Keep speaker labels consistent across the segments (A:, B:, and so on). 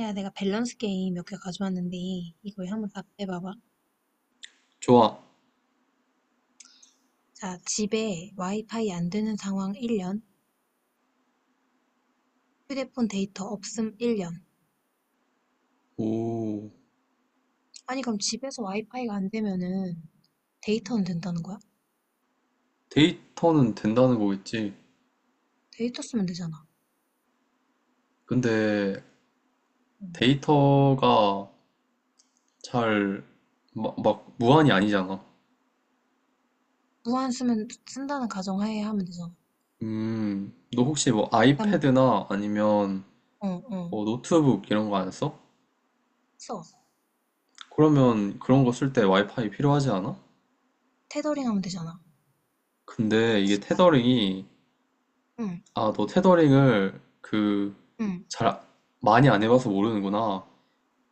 A: 야, 내가 밸런스 게임 몇 개 가져왔는데, 이거 한번 답해봐봐.
B: 좋아.
A: 자, 집에 와이파이 안 되는 상황 1년, 휴대폰 데이터 없음 1년.
B: 오,
A: 아니, 그럼 집에서 와이파이가 안 되면은 데이터는 된다는 거야?
B: 데이터는 된다는 거겠지.
A: 데이터 쓰면 되잖아.
B: 근데
A: 응.
B: 데이터가 잘, 무한이 아니잖아.
A: 무한 쓰면, 쓴다는 가정하에 하면 되잖아.
B: 너 혹시 뭐
A: 난,
B: 아이패드나 아니면
A: 어, 어,
B: 뭐 노트북 이런 거 안 써?
A: 써.
B: 그러면 그런 거 쓸 때 와이파이 필요하지 않아?
A: 테더링 하면 되잖아.
B: 근데 이게
A: 핫스팟.
B: 테더링이,
A: 응,
B: 아, 너 테더링을 그,
A: 응,
B: 잘, 많이 안 해봐서 모르는구나.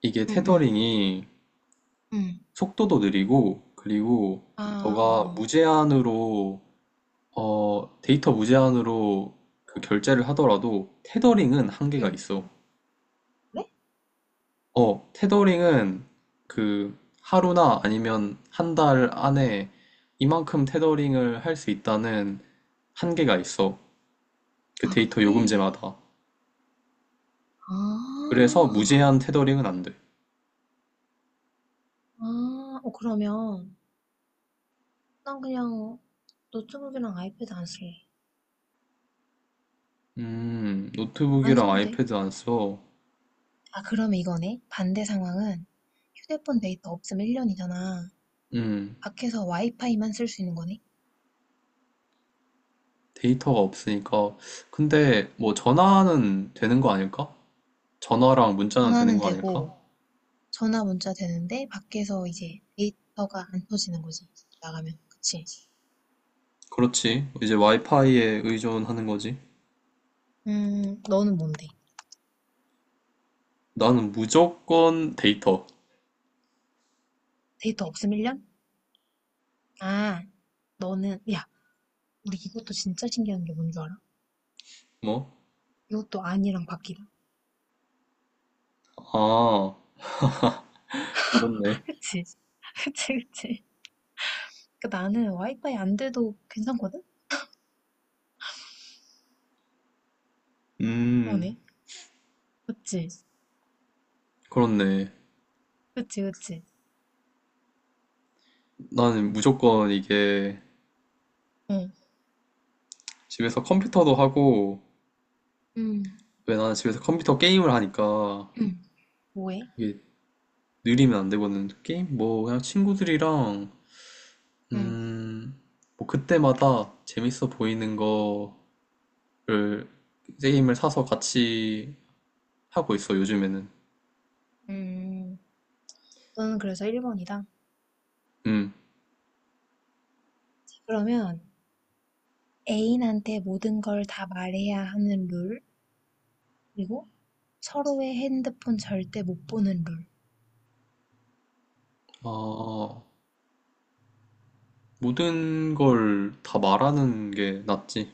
B: 이게
A: 응, 응,
B: 테더링이
A: 응.
B: 속도도 느리고, 그리고
A: 아, 어,
B: 너가
A: 어.
B: 무제한으로, 어, 데이터 무제한으로 그 결제를 하더라도 테더링은 한계가
A: 응.
B: 있어.
A: 그래?
B: 어, 테더링은 그 하루나 아니면 한 달 안에 이만큼 테더링을 할 수 있다는 한계가 있어. 그
A: 아,
B: 데이터
A: 그래?
B: 요금제마다. 그래서
A: 아.
B: 무제한 테더링은 안 돼.
A: 아, 그러면 난 그냥 노트북이랑 아이패드 안 쓸래. 안
B: 노트북이랑
A: 써도 돼.
B: 아이패드 안 써.
A: 아, 그러면 이거네. 반대 상황은 휴대폰 데이터 없으면 1년이잖아.
B: 음.
A: 밖에서 와이파이만 쓸 수 있는 거네.
B: 데이터가 없으니까. 근데 뭐 전화는 되는 거 아닐까? 전화랑 문자는 되는
A: 전화는
B: 거 아닐까?
A: 되고, 전화 문자 되는데, 밖에서 이제 데이터가 안 터지는 거지. 나가면. 그치?
B: 그렇지. 이제 와이파이에 의존하는 거지.
A: 너는 뭔데?
B: 나는 무조건 데이터.
A: 데이터 없으면 1년? 아, 너는, 야, 우리 이것도 진짜 신기한 게 뭔 줄 알아?
B: 뭐?
A: 이것도 아니랑 바뀌다.
B: 아, 그렇네.
A: 그치? 그치, 그치. 그 나는 와이파이 안 돼도 괜찮거든?
B: 음,
A: 그러네. 그치?
B: 그렇네.
A: 그치, 그치.
B: 나는 무조건 이게
A: 응.
B: 집에서 컴퓨터도 하고,
A: 음,
B: 왜 나는 집에서 컴퓨터 게임을 하니까
A: 음, 뭐해?
B: 이게 느리면 안 되거든. 게임? 뭐, 그냥 친구들이랑,
A: 음,
B: 음, 뭐 그때마다 재밌어 보이는 거 를 게임을 사서 같이 하고 있어, 요즘에는.
A: 음. 너는 그래서 1번이다.
B: 음.
A: 그러면 애인한테 모든 걸 다 말해야 하는 룰, 그리고 서로의 핸드폰 절대 못 보는 룰.
B: 아, 모든 걸 다 말하는 게 낫지.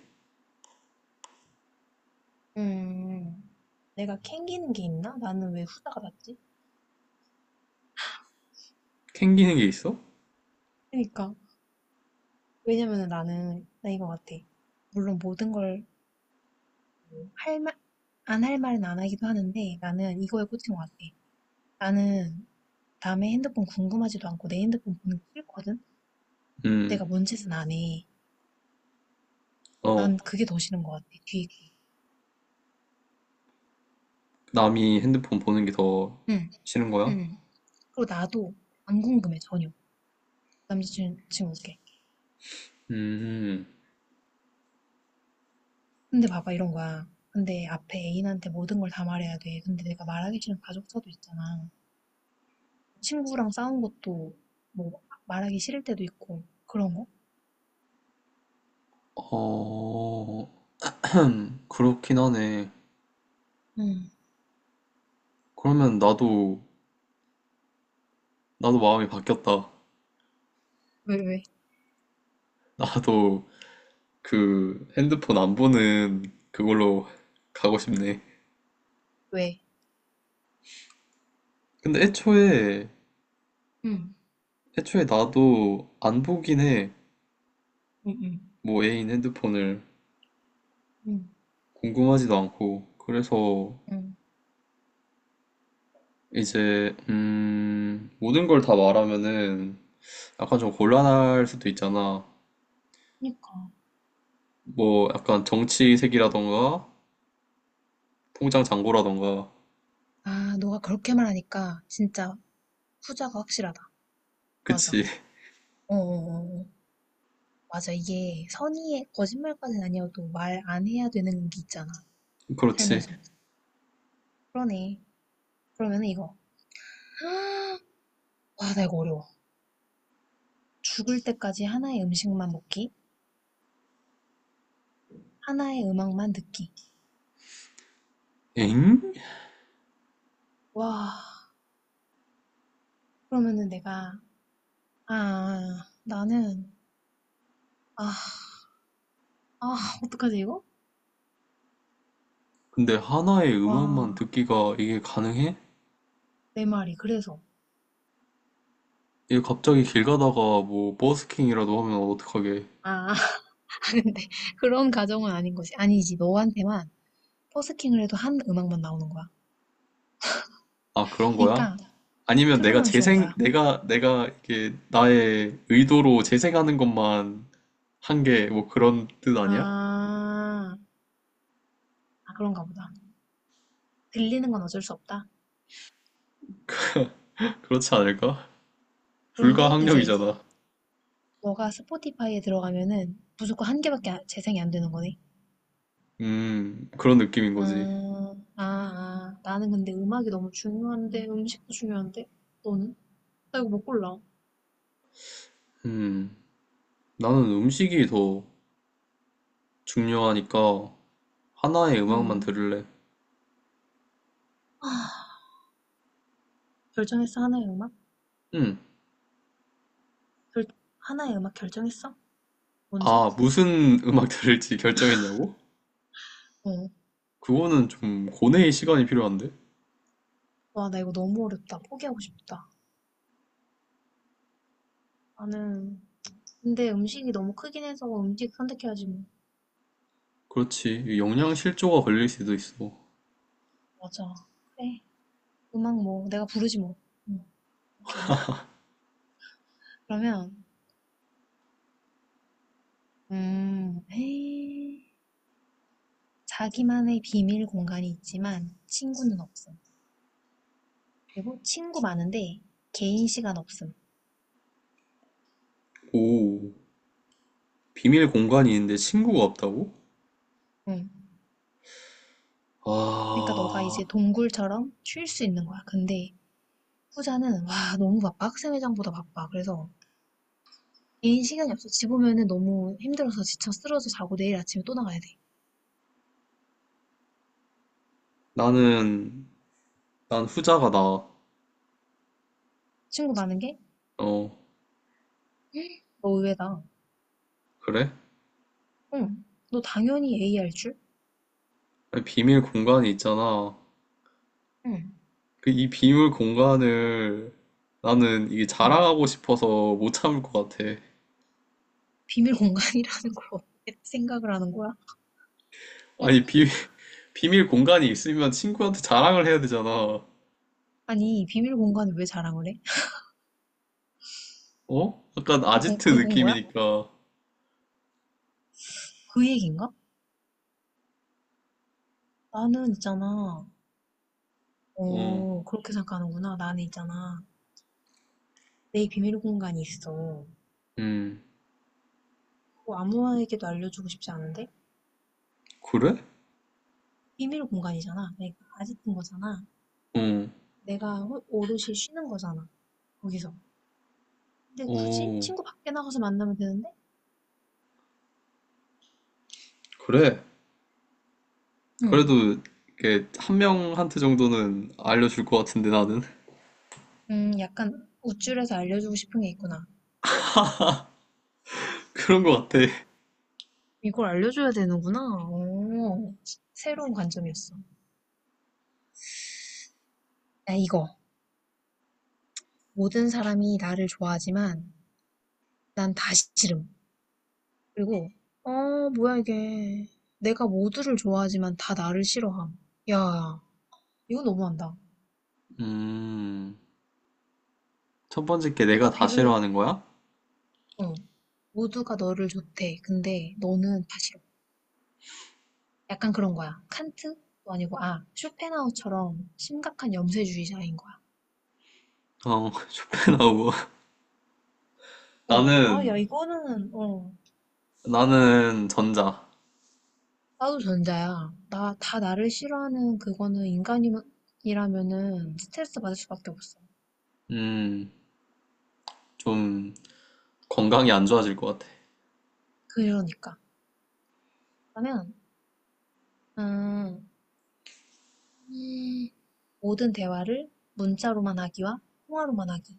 A: 음. 내가 캥기는 게 있나? 나는 왜 후자가 났지?
B: 캥기는 게 있어?
A: 그러니까. 왜냐면 나는, 나 이거 같아. 물론 모든 걸 할 말, 안 할 말은 안 하기도 하는데 나는 이거에 꽂힌 것 같아. 나는 남의 핸드폰 궁금하지도 않고 내 핸드폰 보는 게 싫거든?
B: 음.
A: 내가 뭔 짓은 안 해.
B: 어,
A: 난 그게 더 싫은 것 같아, 뒤에 게.
B: 남이 핸드폰 보는 게 더
A: 응,
B: 싫은 거야?
A: 응. 그리고 나도 안 궁금해, 전혀. 남자친구께.
B: 음.
A: 근데 봐봐, 이런 거야. 근데 앞에 애인한테 모든 걸 다 말해야 돼. 근데 내가 말하기 싫은 가족사도 있잖아. 친구랑 싸운 것도 뭐 말하기 싫을 때도 있고, 그런 거?
B: 어, 그렇긴 하네.
A: 응.
B: 그러면 나도, 나도 마음이 바뀌었다.
A: 왜, 왜?
B: 나도 그 핸드폰 안 보는 그걸로 가고 싶네.
A: 왜?
B: 근데
A: 응,
B: 애초에 나도 안 보긴 해.
A: 응, 응.
B: 뭐 애인 핸드폰을
A: 응,
B: 궁금하지도 않고. 그래서
A: 응.
B: 이제 모든 걸 다 말하면은 약간 좀 곤란할 수도 있잖아.
A: 그니까.
B: 뭐 약간 정치색이라던가 통장 잔고라던가.
A: 아, 너가 그렇게 말하니까 진짜 후자가 확실하다. 맞아.
B: 그치.
A: 어어어. 맞아. 이게 선의의 거짓말까지는 아니어도 말 안 해야 되는 게 있잖아.
B: 그렇지.
A: 살면서. 그러네. 그러면 이거. 와, 나 이거 어려워. 죽을 때까지 하나의 음식만 먹기, 하나의 음악만 듣기.
B: 엥?
A: 와, 그러면은 내가, 아, 나는, 아, 아, 어떡하지 이거?
B: 근데 하나의 음악만
A: 와,
B: 듣기가 이게 가능해?
A: 내 말이 그래서.
B: 이게 갑자기 길 가다가 뭐 버스킹이라도 하면 어떡하게.
A: 아, 근데 그런 가정은 아닌 것이 아니지. 너한테만 버스킹을 해도 한 음악만 나오는 거야.
B: 아, 그런 거야?
A: 그러니까
B: 아니면
A: 트루먼 쇼인 거야.
B: 내가 이게 나의 의도로 재생하는 것만 한 게 뭐 그런 뜻 아니야?
A: 아, 아, 그런가 보다. 들리는 건 어쩔 수 없다.
B: 그렇지 않을까?
A: 그런데 이제
B: 불가항력이잖아.
A: 너가 스포티파이에 들어가면은 무조건 한 개밖에 재생이 안 되는 거네.
B: 그런 느낌인
A: 아,
B: 거지.
A: 아, 아. 나는 근데 음악이 너무 중요한데 음식도 중요한데 너는? 나 이거 못 골라.
B: 음, 나는 음식이 더 중요하니까 하나의 음악만
A: 음.
B: 들을래.
A: 아, 결정했어 하나의 음악?
B: 음,
A: 결, 하나의 음악 결정했어? 뭔지?
B: 아, 무슨 음악 들을지 결정했냐고?
A: 어,
B: 그거는 좀 고뇌의 시간이 필요한데?
A: 와, 나 이거 너무 어렵다. 포기하고 싶다. 나는, 근데 음식이 너무 크긴 해서 음식 선택해야지 뭐.
B: 그렇지. 영양 실조가 걸릴 수도 있어.
A: 맞아. 그래. 음악 뭐, 내가 부르지 뭐. 응, 오케이. 그러면, 에이. 자기만의 비밀 공간이 있지만 친구는 없음. 그리고 친구 많은데 개인 시간 없음.
B: 오. 비밀 공간이 있는데 친구가 없다고?
A: 응. 그러니까 너가
B: 아,
A: 이제 동굴처럼 쉴 수 있는 거야. 근데 후자는, 와, 너무 바빠. 학생회장보다 바빠. 그래서 개인 시간이 없어. 집 오면은 너무 힘들어서 지쳐 쓰러져 자고 내일 아침에 또 나가야 돼.
B: 나는 난 후자가 나아.
A: 친구 많은 게?
B: 어,
A: 헉, 너 의외다.
B: 그래?
A: 응. 너 당연히 A 할 줄?
B: 아니, 비밀 공간이 있잖아.
A: 응.
B: 그 이 비밀 공간을 나는 이게
A: 응.
B: 자랑하고 싶어서 못 참을 것 같아.
A: 비밀 공간이라는 걸 어떻게 생각을 하는 거야? 응?
B: 아니, 비, 비밀 공간이 있으면 친구한테 자랑을 해야 되잖아.
A: 아니, 비밀 공간을 왜 자랑을 해?
B: 어? 약간
A: 그, 공,
B: 아지트
A: 그건 거야?
B: 느낌이니까.
A: 그 얘기인가? 나는 있잖아.
B: 어,
A: 어, 그렇게 생각하는구나. 나는 있잖아. 내 비밀 공간이 있어.
B: 음,
A: 그거 아무에게도 알려주고 싶지 않은데?
B: 그래?
A: 비밀 공간이잖아. 내가 아직은 거잖아.
B: 어,
A: 내가 오롯이 쉬는 거잖아. 거기서. 근데 굳이
B: 어,
A: 친구 밖에 나가서 만나면 되는데?
B: 그래.
A: 응.
B: 그래도 이렇게 한 명한테 정도는 알려줄 것 같은데 나는
A: 약간 우쭐해서 알려주고 싶은 게 있구나.
B: 그런
A: 응?
B: 것 같아.
A: 이걸 알려줘야 되는구나. 오, 새로운 관점이었어. 야, 이거. 모든 사람이 나를 좋아하지만 난 다 싫음. 그리고, 어, 뭐야 이게. 내가 모두를 좋아하지만 다 나를 싫어함. 야, 이거 너무한다.
B: 음, 첫 번째 게 내가
A: 누가
B: 다
A: 비를,
B: 싫어하는 거야?
A: 어, 모두가 너를 좋대. 근데 너는 다 싫어. 약간 그런 거야. 칸트도 아니고, 아, 쇼펜하우처럼 심각한 염세주의자인 거야.
B: 어, 쇼펜하우어.
A: 어, 아,
B: 나는
A: 야, 이거는,
B: 나는 전자.
A: 나도 전자야. 나, 다 나를 싫어하는 그거는 인간이라면은 스트레스 받을 수밖에 없어.
B: 음, 좀 건강이 안 좋아질 것 같아.
A: 그러니까. 그러면, 음, 음, 모든 대화를 문자로만 하기와 통화로만 하기.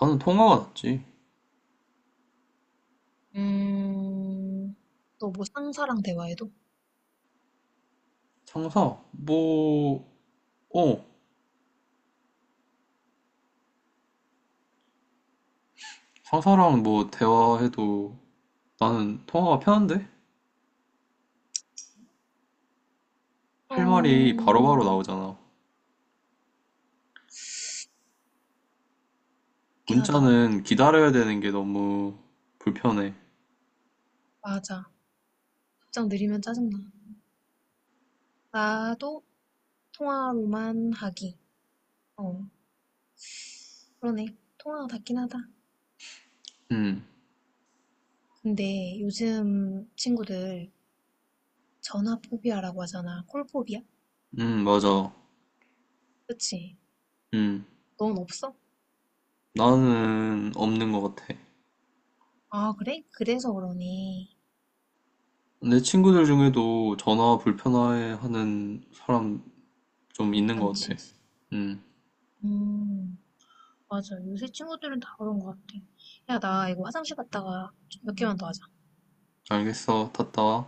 B: 나는 통화가 낫지.
A: 음, 또 뭐 상사랑 대화해도?
B: 상사 뭐, 어, 상사랑 뭐 대화해도 나는 통화가 편한데? 할 말이
A: 어,
B: 바로바로 나오잖아.
A: 그렇긴 하다.
B: 문자는 기다려야 되는 게 너무 불편해.
A: 맞아. 답장 느리면 짜증나. 나도 통화로만 하기. 어, 그러네. 통화가 닿긴 하다.
B: 음,
A: 근데 요즘 친구들 전화 포비아라고 하잖아. 콜 포비아?
B: 맞아.
A: 그치?
B: 음,
A: 넌 없어?
B: 나는 없는 것 같아.
A: 아, 그래? 그래서 그러니.
B: 내 친구들 중에도 전화 불편해하는 사람 좀 있는 것 같아.
A: 많지.
B: 음,
A: 음, 맞아. 요새 친구들은 다 그런 것 같아. 야, 나 이거 화장실 갔다가 몇 개만 더 하자.
B: 알겠어. 탔다.